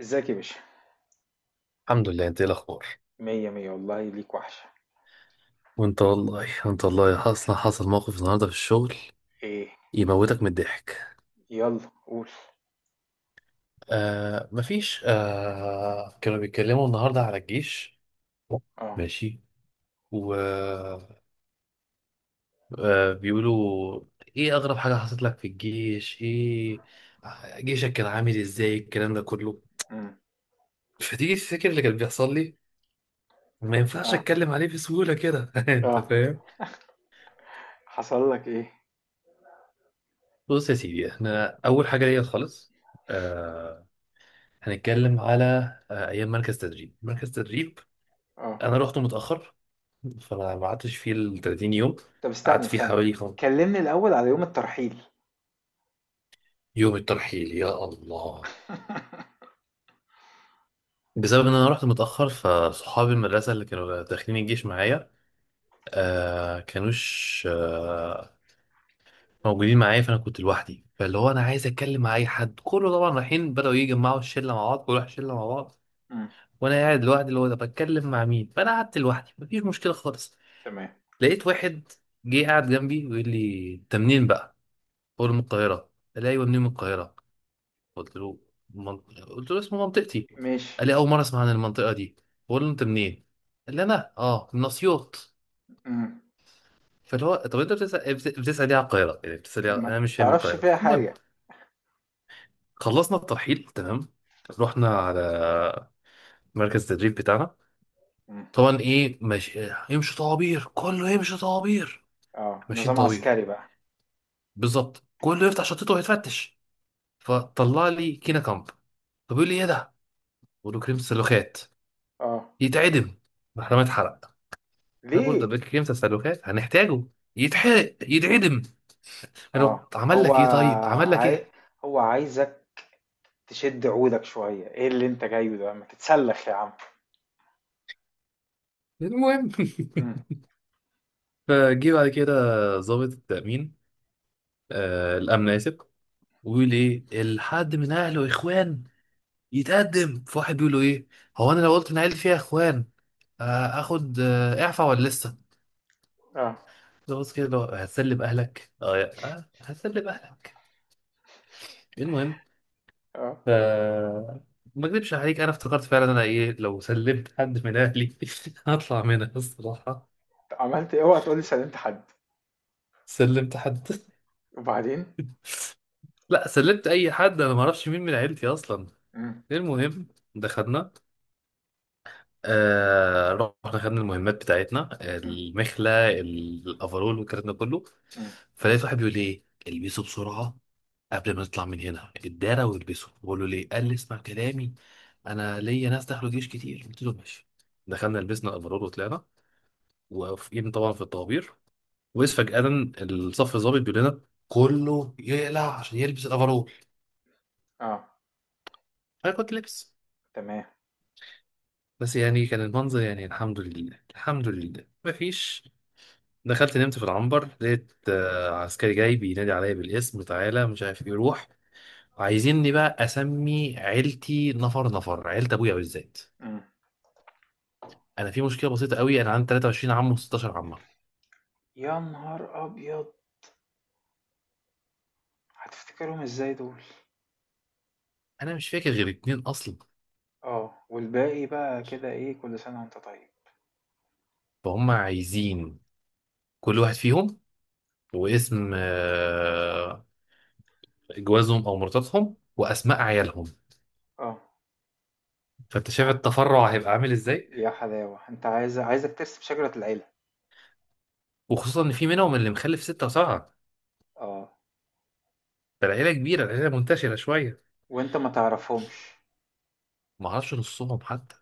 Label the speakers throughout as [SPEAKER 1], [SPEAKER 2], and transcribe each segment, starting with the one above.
[SPEAKER 1] ازيك يا باشا؟
[SPEAKER 2] الحمد لله، انت ايه الاخبار؟
[SPEAKER 1] مية مية والله، ليك وحشة.
[SPEAKER 2] وانت والله، اصلا حصل موقف النهارده في الشغل
[SPEAKER 1] ايه؟
[SPEAKER 2] يموتك من الضحك.
[SPEAKER 1] يلا قول.
[SPEAKER 2] آه مفيش آه كانوا بيتكلموا النهارده على الجيش.
[SPEAKER 1] اه.
[SPEAKER 2] ماشي. و بيقولوا ايه اغرب حاجه حصلت لك في الجيش؟ ايه جيشك كان عامل ازاي؟ الكلام ده كله
[SPEAKER 1] امم.
[SPEAKER 2] فتيجي تفتكر اللي كان بيحصل لي. ما ينفعش
[SPEAKER 1] اه،
[SPEAKER 2] اتكلم عليه بسهوله كده. انت
[SPEAKER 1] اه.
[SPEAKER 2] فاهم.
[SPEAKER 1] حصل لك ايه؟
[SPEAKER 2] بص يا سيدي، احنا اول حاجه ليا خالص هنتكلم على ايام مركز تدريب.
[SPEAKER 1] اه.
[SPEAKER 2] انا رحته متاخر، فانا ما قعدتش فيه ال 30 يوم.
[SPEAKER 1] طب
[SPEAKER 2] قعدت
[SPEAKER 1] استنى
[SPEAKER 2] فيه
[SPEAKER 1] استنى،
[SPEAKER 2] حوالي
[SPEAKER 1] كلمني الاول على يوم الترحيل.
[SPEAKER 2] يوم الترحيل يا الله. بسبب ان انا رحت متاخر، فصحابي المدرسه اللي كانوا داخلين الجيش معايا كانوش موجودين معايا. فانا كنت لوحدي، فاللي هو انا عايز اتكلم مع اي حد، كله طبعا رايحين بداوا يجمعوا الشله مع بعض، كل واحد شله مع بعض.
[SPEAKER 1] امم.
[SPEAKER 2] وانا قاعد لوحدي، اللي هو ده بتكلم مع مين؟ فانا قعدت لوحدي مفيش مشكله خالص.
[SPEAKER 1] تمام.
[SPEAKER 2] لقيت واحد جه قاعد جنبي ويقول لي انت منين بقى؟ بقول له من القاهرة. قال لي ايوه منين من القاهرة؟ قلت له قلت له اسمه منطقتي.
[SPEAKER 1] ماشي.
[SPEAKER 2] قال لي اول مرة اسمع عن المنطقة دي. بقول له انت منين؟ قال لي انا من اسيوط.
[SPEAKER 1] امم.
[SPEAKER 2] فاللي هو طب انت بتسأل، بتسأل ليه على القاهرة؟ يعني بتسأل ليه انا
[SPEAKER 1] ما
[SPEAKER 2] مش فاهم من
[SPEAKER 1] تعرفش
[SPEAKER 2] القاهرة.
[SPEAKER 1] فيها
[SPEAKER 2] المهم،
[SPEAKER 1] حاجة.
[SPEAKER 2] خلصنا الترحيل تمام. رحنا على مركز التدريب بتاعنا.
[SPEAKER 1] امم.
[SPEAKER 2] طبعا ايه ماشي إيه، يمشي طوابير، كله يمشي طوابير.
[SPEAKER 1] اه،
[SPEAKER 2] ماشيين
[SPEAKER 1] نظام
[SPEAKER 2] طوابير
[SPEAKER 1] عسكري بقى.
[SPEAKER 2] بالظبط. كله يفتح شنطته ويتفتش. فطلع لي كينا كامب، فبيقول لي ايه ده؟ بقول له كريم السلوخات.
[SPEAKER 1] اه.
[SPEAKER 2] يتعدم. محرمة اتحرق. انا بقول
[SPEAKER 1] ليه؟
[SPEAKER 2] ده كريم السلوخات هنحتاجه. يتحرق يتعدم. قال له
[SPEAKER 1] اه،
[SPEAKER 2] طب عمل لك ايه طيب؟ عمل لك
[SPEAKER 1] عاي...
[SPEAKER 2] ايه؟
[SPEAKER 1] هو عايزك تشد عودك شوية، ايه اللي انت جايه ده؟ ما تتسلخ يا عم.
[SPEAKER 2] المهم.
[SPEAKER 1] امم.
[SPEAKER 2] فجه بعد كده ضابط التأمين، الأمن، آسف. ويقول إيه الحد من أهله إخوان يتقدم. فواحد بيقول له إيه هو، أنا لو قلت إن عيلتي فيها إخوان آخد إعفاء ولا لسه؟
[SPEAKER 1] اه،
[SPEAKER 2] ضابط كده اللي هو هتسلب أهلك؟ آه آه، هتسلب أهلك. المهم،
[SPEAKER 1] اه.
[SPEAKER 2] ف ما اكذبش عليك، انا افتكرت فعلا انا ايه لو سلمت حد من اهلي. هطلع منها الصراحه.
[SPEAKER 1] عملت إيه؟ اوعى تقول لي سلمت حد.
[SPEAKER 2] سلمت حد.
[SPEAKER 1] وبعدين.
[SPEAKER 2] لا سلمت اي حد، انا ما اعرفش مين من عيلتي اصلا.
[SPEAKER 1] امم.
[SPEAKER 2] المهم دخلنا. آه رحنا خدنا المهمات بتاعتنا،
[SPEAKER 1] امم.
[SPEAKER 2] المخلة الأفرول والكلام ده كله.
[SPEAKER 1] امم.
[SPEAKER 2] فلقيت واحد بيقول لي إيه البسوا بسرعة قبل ما نطلع من هنا الدارة. والبسوا. بقول له ليه؟ قال لي اسمع كلامي، أنا ليا ناس دخلوا جيش كتير. قلت له ماشي. دخلنا لبسنا الأفرول وطلعنا، واقفين طبعا في الطوابير، وإذ فجأة الصف الضابط بيقول لنا كله يقلع عشان يلبس الأفرول.
[SPEAKER 1] اه.
[SPEAKER 2] أنا كنت لابس،
[SPEAKER 1] تمام.
[SPEAKER 2] بس يعني كان المنظر يعني الحمد لله الحمد لله مفيش. دخلت نمت في العنبر، لقيت عسكري جاي بينادي عليا بالاسم، تعالى مش عارف ايه روح. عايزيني بقى اسمي عيلتي نفر نفر، عيلة ابويا بالذات.
[SPEAKER 1] امم.
[SPEAKER 2] انا في مشكله بسيطه قوي، انا عندي 23 عم و16 عمه.
[SPEAKER 1] يا نهار ابيض، هتفتكرهم ازاي دول؟
[SPEAKER 2] انا مش فاكر غير اتنين اصلا.
[SPEAKER 1] اه، والباقي بقى كده، ايه؟ كل سنه وانت طيب.
[SPEAKER 2] فهم عايزين كل واحد فيهم، واسم جوازهم او مراتاتهم واسماء عيالهم.
[SPEAKER 1] اه.
[SPEAKER 2] فانت
[SPEAKER 1] يا
[SPEAKER 2] شايف
[SPEAKER 1] ح...
[SPEAKER 2] التفرع هيبقى عامل ازاي؟
[SPEAKER 1] يا حلاوه، انت عايزك ترسم شجره العيله؟
[SPEAKER 2] وخصوصا ان في منهم اللي مخلف 6 و7.
[SPEAKER 1] اه،
[SPEAKER 2] فالعيله كبيره، العيله منتشره شويه.
[SPEAKER 1] وانت ما تعرفهمش؟
[SPEAKER 2] ما اعرفش نصهم حتى.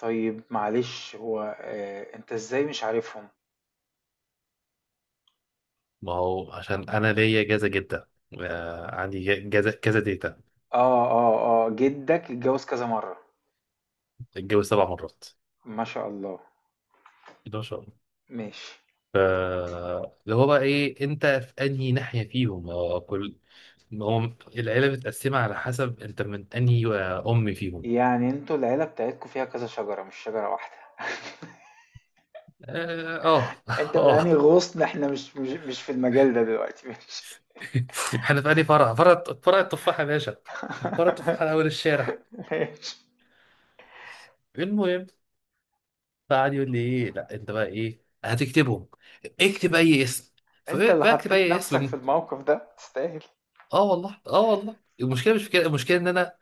[SPEAKER 1] طيب معلش، هو انت ازاي مش عارفهم؟
[SPEAKER 2] ما هو عشان انا ليا جازة جدا، عندي جازة كذا ديتا.
[SPEAKER 1] اه، اه. اه، جدك اتجوز كذا مره؟
[SPEAKER 2] اتجوز 7 مرات.
[SPEAKER 1] ما شاء الله.
[SPEAKER 2] ده ما شاء الله.
[SPEAKER 1] ماشي.
[SPEAKER 2] ف اللي هو بقى ايه انت في انهي ناحية فيهم؟ هو كل ما هو العيلة متقسمة على حسب انت من انهي ام فيهم.
[SPEAKER 1] يعني انتوا العيلة بتاعتكوا فيها كذا شجرة، مش شجرة واحدة؟
[SPEAKER 2] اه اه.
[SPEAKER 1] انت من انهي
[SPEAKER 2] آه.
[SPEAKER 1] غصن؟ احنا مش في المجال ده دلوقتي. ماشي.
[SPEAKER 2] احنا في انهي فرع التفاحة يا باشا، فرع التفاحة على اول الشارع.
[SPEAKER 1] ماشي.
[SPEAKER 2] المهم، فقعد يقول لي ايه لا انت بقى ايه هتكتبهم. اكتب اي اسم.
[SPEAKER 1] انت اللي
[SPEAKER 2] فبكتب
[SPEAKER 1] حطيت
[SPEAKER 2] اي
[SPEAKER 1] نفسك في
[SPEAKER 2] اسم.
[SPEAKER 1] الموقف ده، تستاهل.
[SPEAKER 2] اه والله اه والله المشكله مش في كده، المشكله ان انا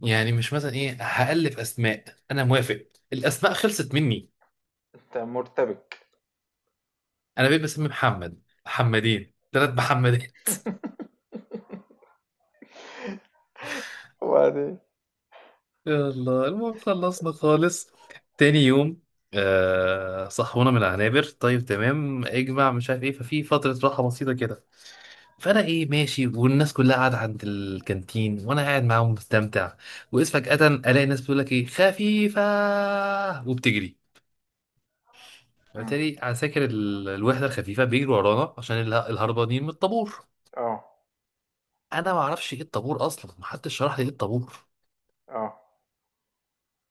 [SPEAKER 2] يعني مش مثلا ايه هالف اسماء. انا موافق. الاسماء خلصت مني.
[SPEAKER 1] انت مرتبك.
[SPEAKER 2] انا بقيت بسمي محمد محمدين 3 محمدات.
[SPEAKER 1] وبعدين.
[SPEAKER 2] يلا المهم خلصنا خالص. تاني يوم صحونا من العنابر، طيب تمام اجمع مش عارف ايه، ففي فتره راحه بسيطه كده. فانا ايه ماشي، والناس كلها قاعده عند الكانتين وانا قاعد معاهم مستمتع. واذ فجاه الاقي ناس بتقول لك ايه خفيفه وبتجري.
[SPEAKER 1] مم.
[SPEAKER 2] بالتالي عساكر الوحده الخفيفه بيجروا ورانا عشان الهربانين من الطابور.
[SPEAKER 1] اه،
[SPEAKER 2] انا ما اعرفش ايه الطابور اصلا، محدش شرح لي ايه الطابور.
[SPEAKER 1] اه.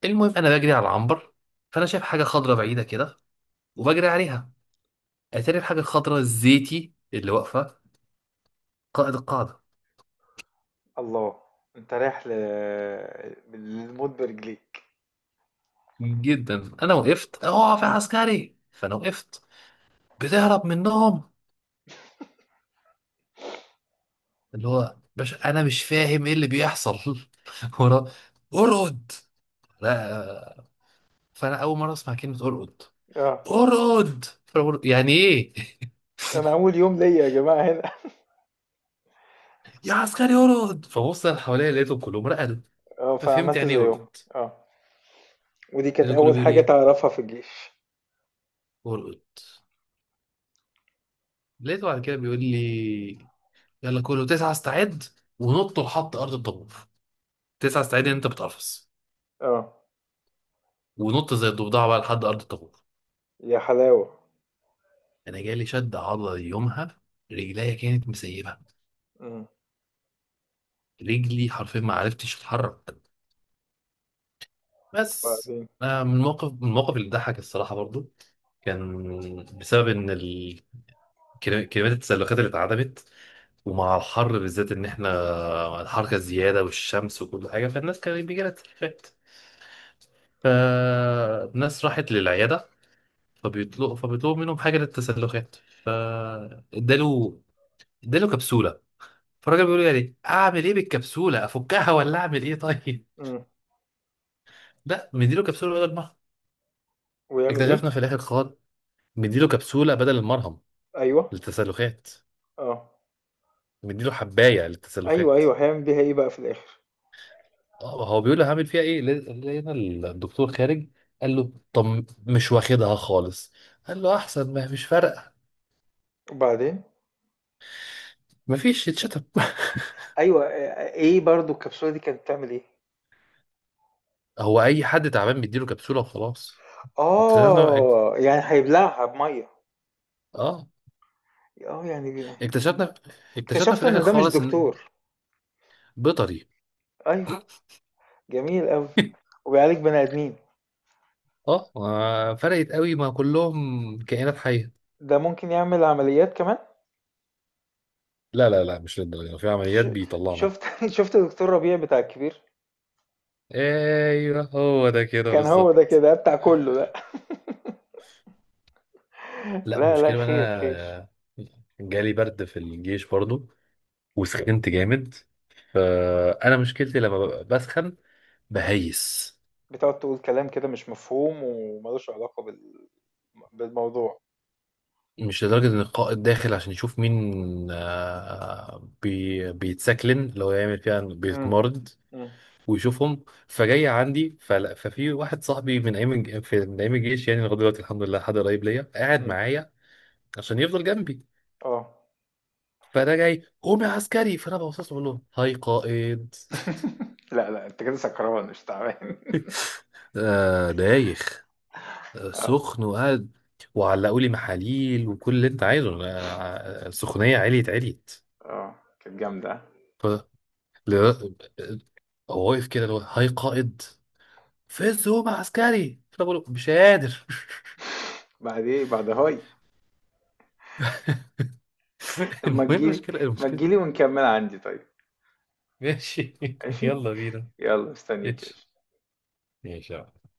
[SPEAKER 2] المهم انا بجري على العنبر، فانا شايف حاجه خضراء بعيده كده وبجري عليها. اتاري الحاجه الخضراء الزيتي اللي واقفه قائد القاعده.
[SPEAKER 1] الله! انت رايح للموت برجليك.
[SPEAKER 2] جدا انا وقفت اقف يا عسكري، فانا وقفت. بتهرب منهم. اللي هو باش انا مش فاهم ايه اللي بيحصل. ورا. ارقد. لا. فانا اول مره اسمع كلمه ارقد.
[SPEAKER 1] اه.
[SPEAKER 2] ارقد، فبقول يعني ايه؟
[SPEAKER 1] انا اول يوم ليا يا جماعة هنا.
[SPEAKER 2] يا عسكري ارقد. فبص انا حواليا لقيتهم كلهم رقدوا،
[SPEAKER 1] اه،
[SPEAKER 2] ففهمت
[SPEAKER 1] فعملت
[SPEAKER 2] يعني ايه
[SPEAKER 1] زيهم.
[SPEAKER 2] ارقد.
[SPEAKER 1] اه. ودي كانت
[SPEAKER 2] لقيته كله
[SPEAKER 1] اول
[SPEAKER 2] بيقول
[SPEAKER 1] حاجة
[SPEAKER 2] ايه
[SPEAKER 1] تعرفها في الجيش.
[SPEAKER 2] ارقد. لقيته بعد كده بيقول لي يلا كله تسعة استعد ونط لحد ارض الطابور. تسعة استعد ان انت بتقفص
[SPEAKER 1] اه.
[SPEAKER 2] ونط زي الضفدعه بقى لحد ارض الطابور.
[SPEAKER 1] يا حلاوة.
[SPEAKER 2] انا جالي شد عضلي يومها، رجليا كانت مسيبه،
[SPEAKER 1] مم.
[SPEAKER 2] رجلي حرفيا ما عرفتش اتحرك. بس
[SPEAKER 1] وبعدين.
[SPEAKER 2] من الموقف اللي ضحك الصراحه برضو، كان بسبب ان كمية التسلخات اللي اتعدمت ومع الحر، بالذات ان احنا الحركة الزيادة والشمس وكل حاجة، فالناس كان بيجي لها تسلخات. فالناس راحت للعيادة، فبيطلبوا منهم حاجة للتسلخات. فاداله اداله كبسولة. فالراجل بيقول له يعني اعمل ايه بالكبسولة؟ افكها ولا اعمل ايه؟ طيب،
[SPEAKER 1] إمم.
[SPEAKER 2] لا مديله كبسولة بدل المرهم.
[SPEAKER 1] ويعمل إيه؟
[SPEAKER 2] اكتشفنا في الاخر خالص مديله كبسولة بدل المرهم
[SPEAKER 1] أيوه.
[SPEAKER 2] للتسلخات.
[SPEAKER 1] آه.
[SPEAKER 2] مديله حباية
[SPEAKER 1] أيوه،
[SPEAKER 2] للتسلخات.
[SPEAKER 1] أيوه، هيعمل بيها إيه بقى في الآخر؟
[SPEAKER 2] هو بيقول له هعمل فيها ايه؟ لقينا الدكتور خارج، قال له طب مش واخدها خالص. قال له احسن ما مش فارقه.
[SPEAKER 1] وبعدين؟
[SPEAKER 2] مفيش يتشتم.
[SPEAKER 1] أيوه، إيه برضه الكبسولة دي كانت بتعمل إيه؟
[SPEAKER 2] هو اي حد تعبان بيديله كبسوله وخلاص. اكتشفنا
[SPEAKER 1] آه، يعني هيبلعها بمَيّة.
[SPEAKER 2] اه
[SPEAKER 1] آه، يعني
[SPEAKER 2] اكتشفنا اكتشفنا في
[SPEAKER 1] اكتشفت
[SPEAKER 2] الاخر
[SPEAKER 1] إن ده مش
[SPEAKER 2] خالص ان
[SPEAKER 1] دكتور.
[SPEAKER 2] بيطري.
[SPEAKER 1] أيوه، جميل أوي. وبيعالج بني آدمين،
[SPEAKER 2] فرقت قوي ما كلهم كائنات حيه.
[SPEAKER 1] ده ممكن يعمل عمليات كمان؟
[SPEAKER 2] لا لا لا مش للدرجه، في عمليات
[SPEAKER 1] ش
[SPEAKER 2] بيطلعنا.
[SPEAKER 1] شُفت شُفت دكتور ربيع بتاع الكبير؟
[SPEAKER 2] ايوه هو ده كده
[SPEAKER 1] كان هو ده
[SPEAKER 2] بالظبط.
[SPEAKER 1] كده، بتاع كُلّه ده.
[SPEAKER 2] لا
[SPEAKER 1] لا، لا،
[SPEAKER 2] المشكلة بقى
[SPEAKER 1] خير،
[SPEAKER 2] انا
[SPEAKER 1] خير.
[SPEAKER 2] جالي برد في الجيش برضو وسخنت جامد. فانا مشكلتي لما ببقى بسخن بهيس.
[SPEAKER 1] بتقعد تقول كلام كده مش مفهوم وما لوش علاقة بالموضوع.
[SPEAKER 2] مش لدرجة ان القائد داخل عشان يشوف مين آه، بي بيتسكلن لو يعمل فيها إنه
[SPEAKER 1] إمم،
[SPEAKER 2] بيتمرد
[SPEAKER 1] إمم،
[SPEAKER 2] ويشوفهم، فجاي عندي. فلا ففي واحد صاحبي من ايام الجيش، يعني لغايه دلوقتي الحمد لله حد قريب ليا قاعد
[SPEAKER 1] إمم.
[SPEAKER 2] معايا عشان يفضل جنبي.
[SPEAKER 1] آه.
[SPEAKER 2] فده جاي قوم يا عسكري، فانا ببص له بقول له هاي قائد،
[SPEAKER 1] لأ، لأ، أنت كده سكران مش تعبان.
[SPEAKER 2] دايخ.
[SPEAKER 1] آه.
[SPEAKER 2] سخن وقعد وعلقوا لي محاليل وكل اللي انت عايزه، السخونيه عليت عليت.
[SPEAKER 1] آه، كانت جامدة.
[SPEAKER 2] ف ل- هو واقف كده اللي هو هاي قائد. فز هو عسكري، فانا بقول له مش قادر.
[SPEAKER 1] بعد إيه، بعد هاي. طب ما
[SPEAKER 2] المهم
[SPEAKER 1] تيجي لي
[SPEAKER 2] المشكله
[SPEAKER 1] ما
[SPEAKER 2] المشكله
[SPEAKER 1] تيجي لي ونكمّلها عندي طيب.
[SPEAKER 2] ماشي.
[SPEAKER 1] ماشي؟
[SPEAKER 2] يلا بينا.
[SPEAKER 1] يالّا مستنيك يا
[SPEAKER 2] ماشي
[SPEAKER 1] باشا.
[SPEAKER 2] ماشي يا عم.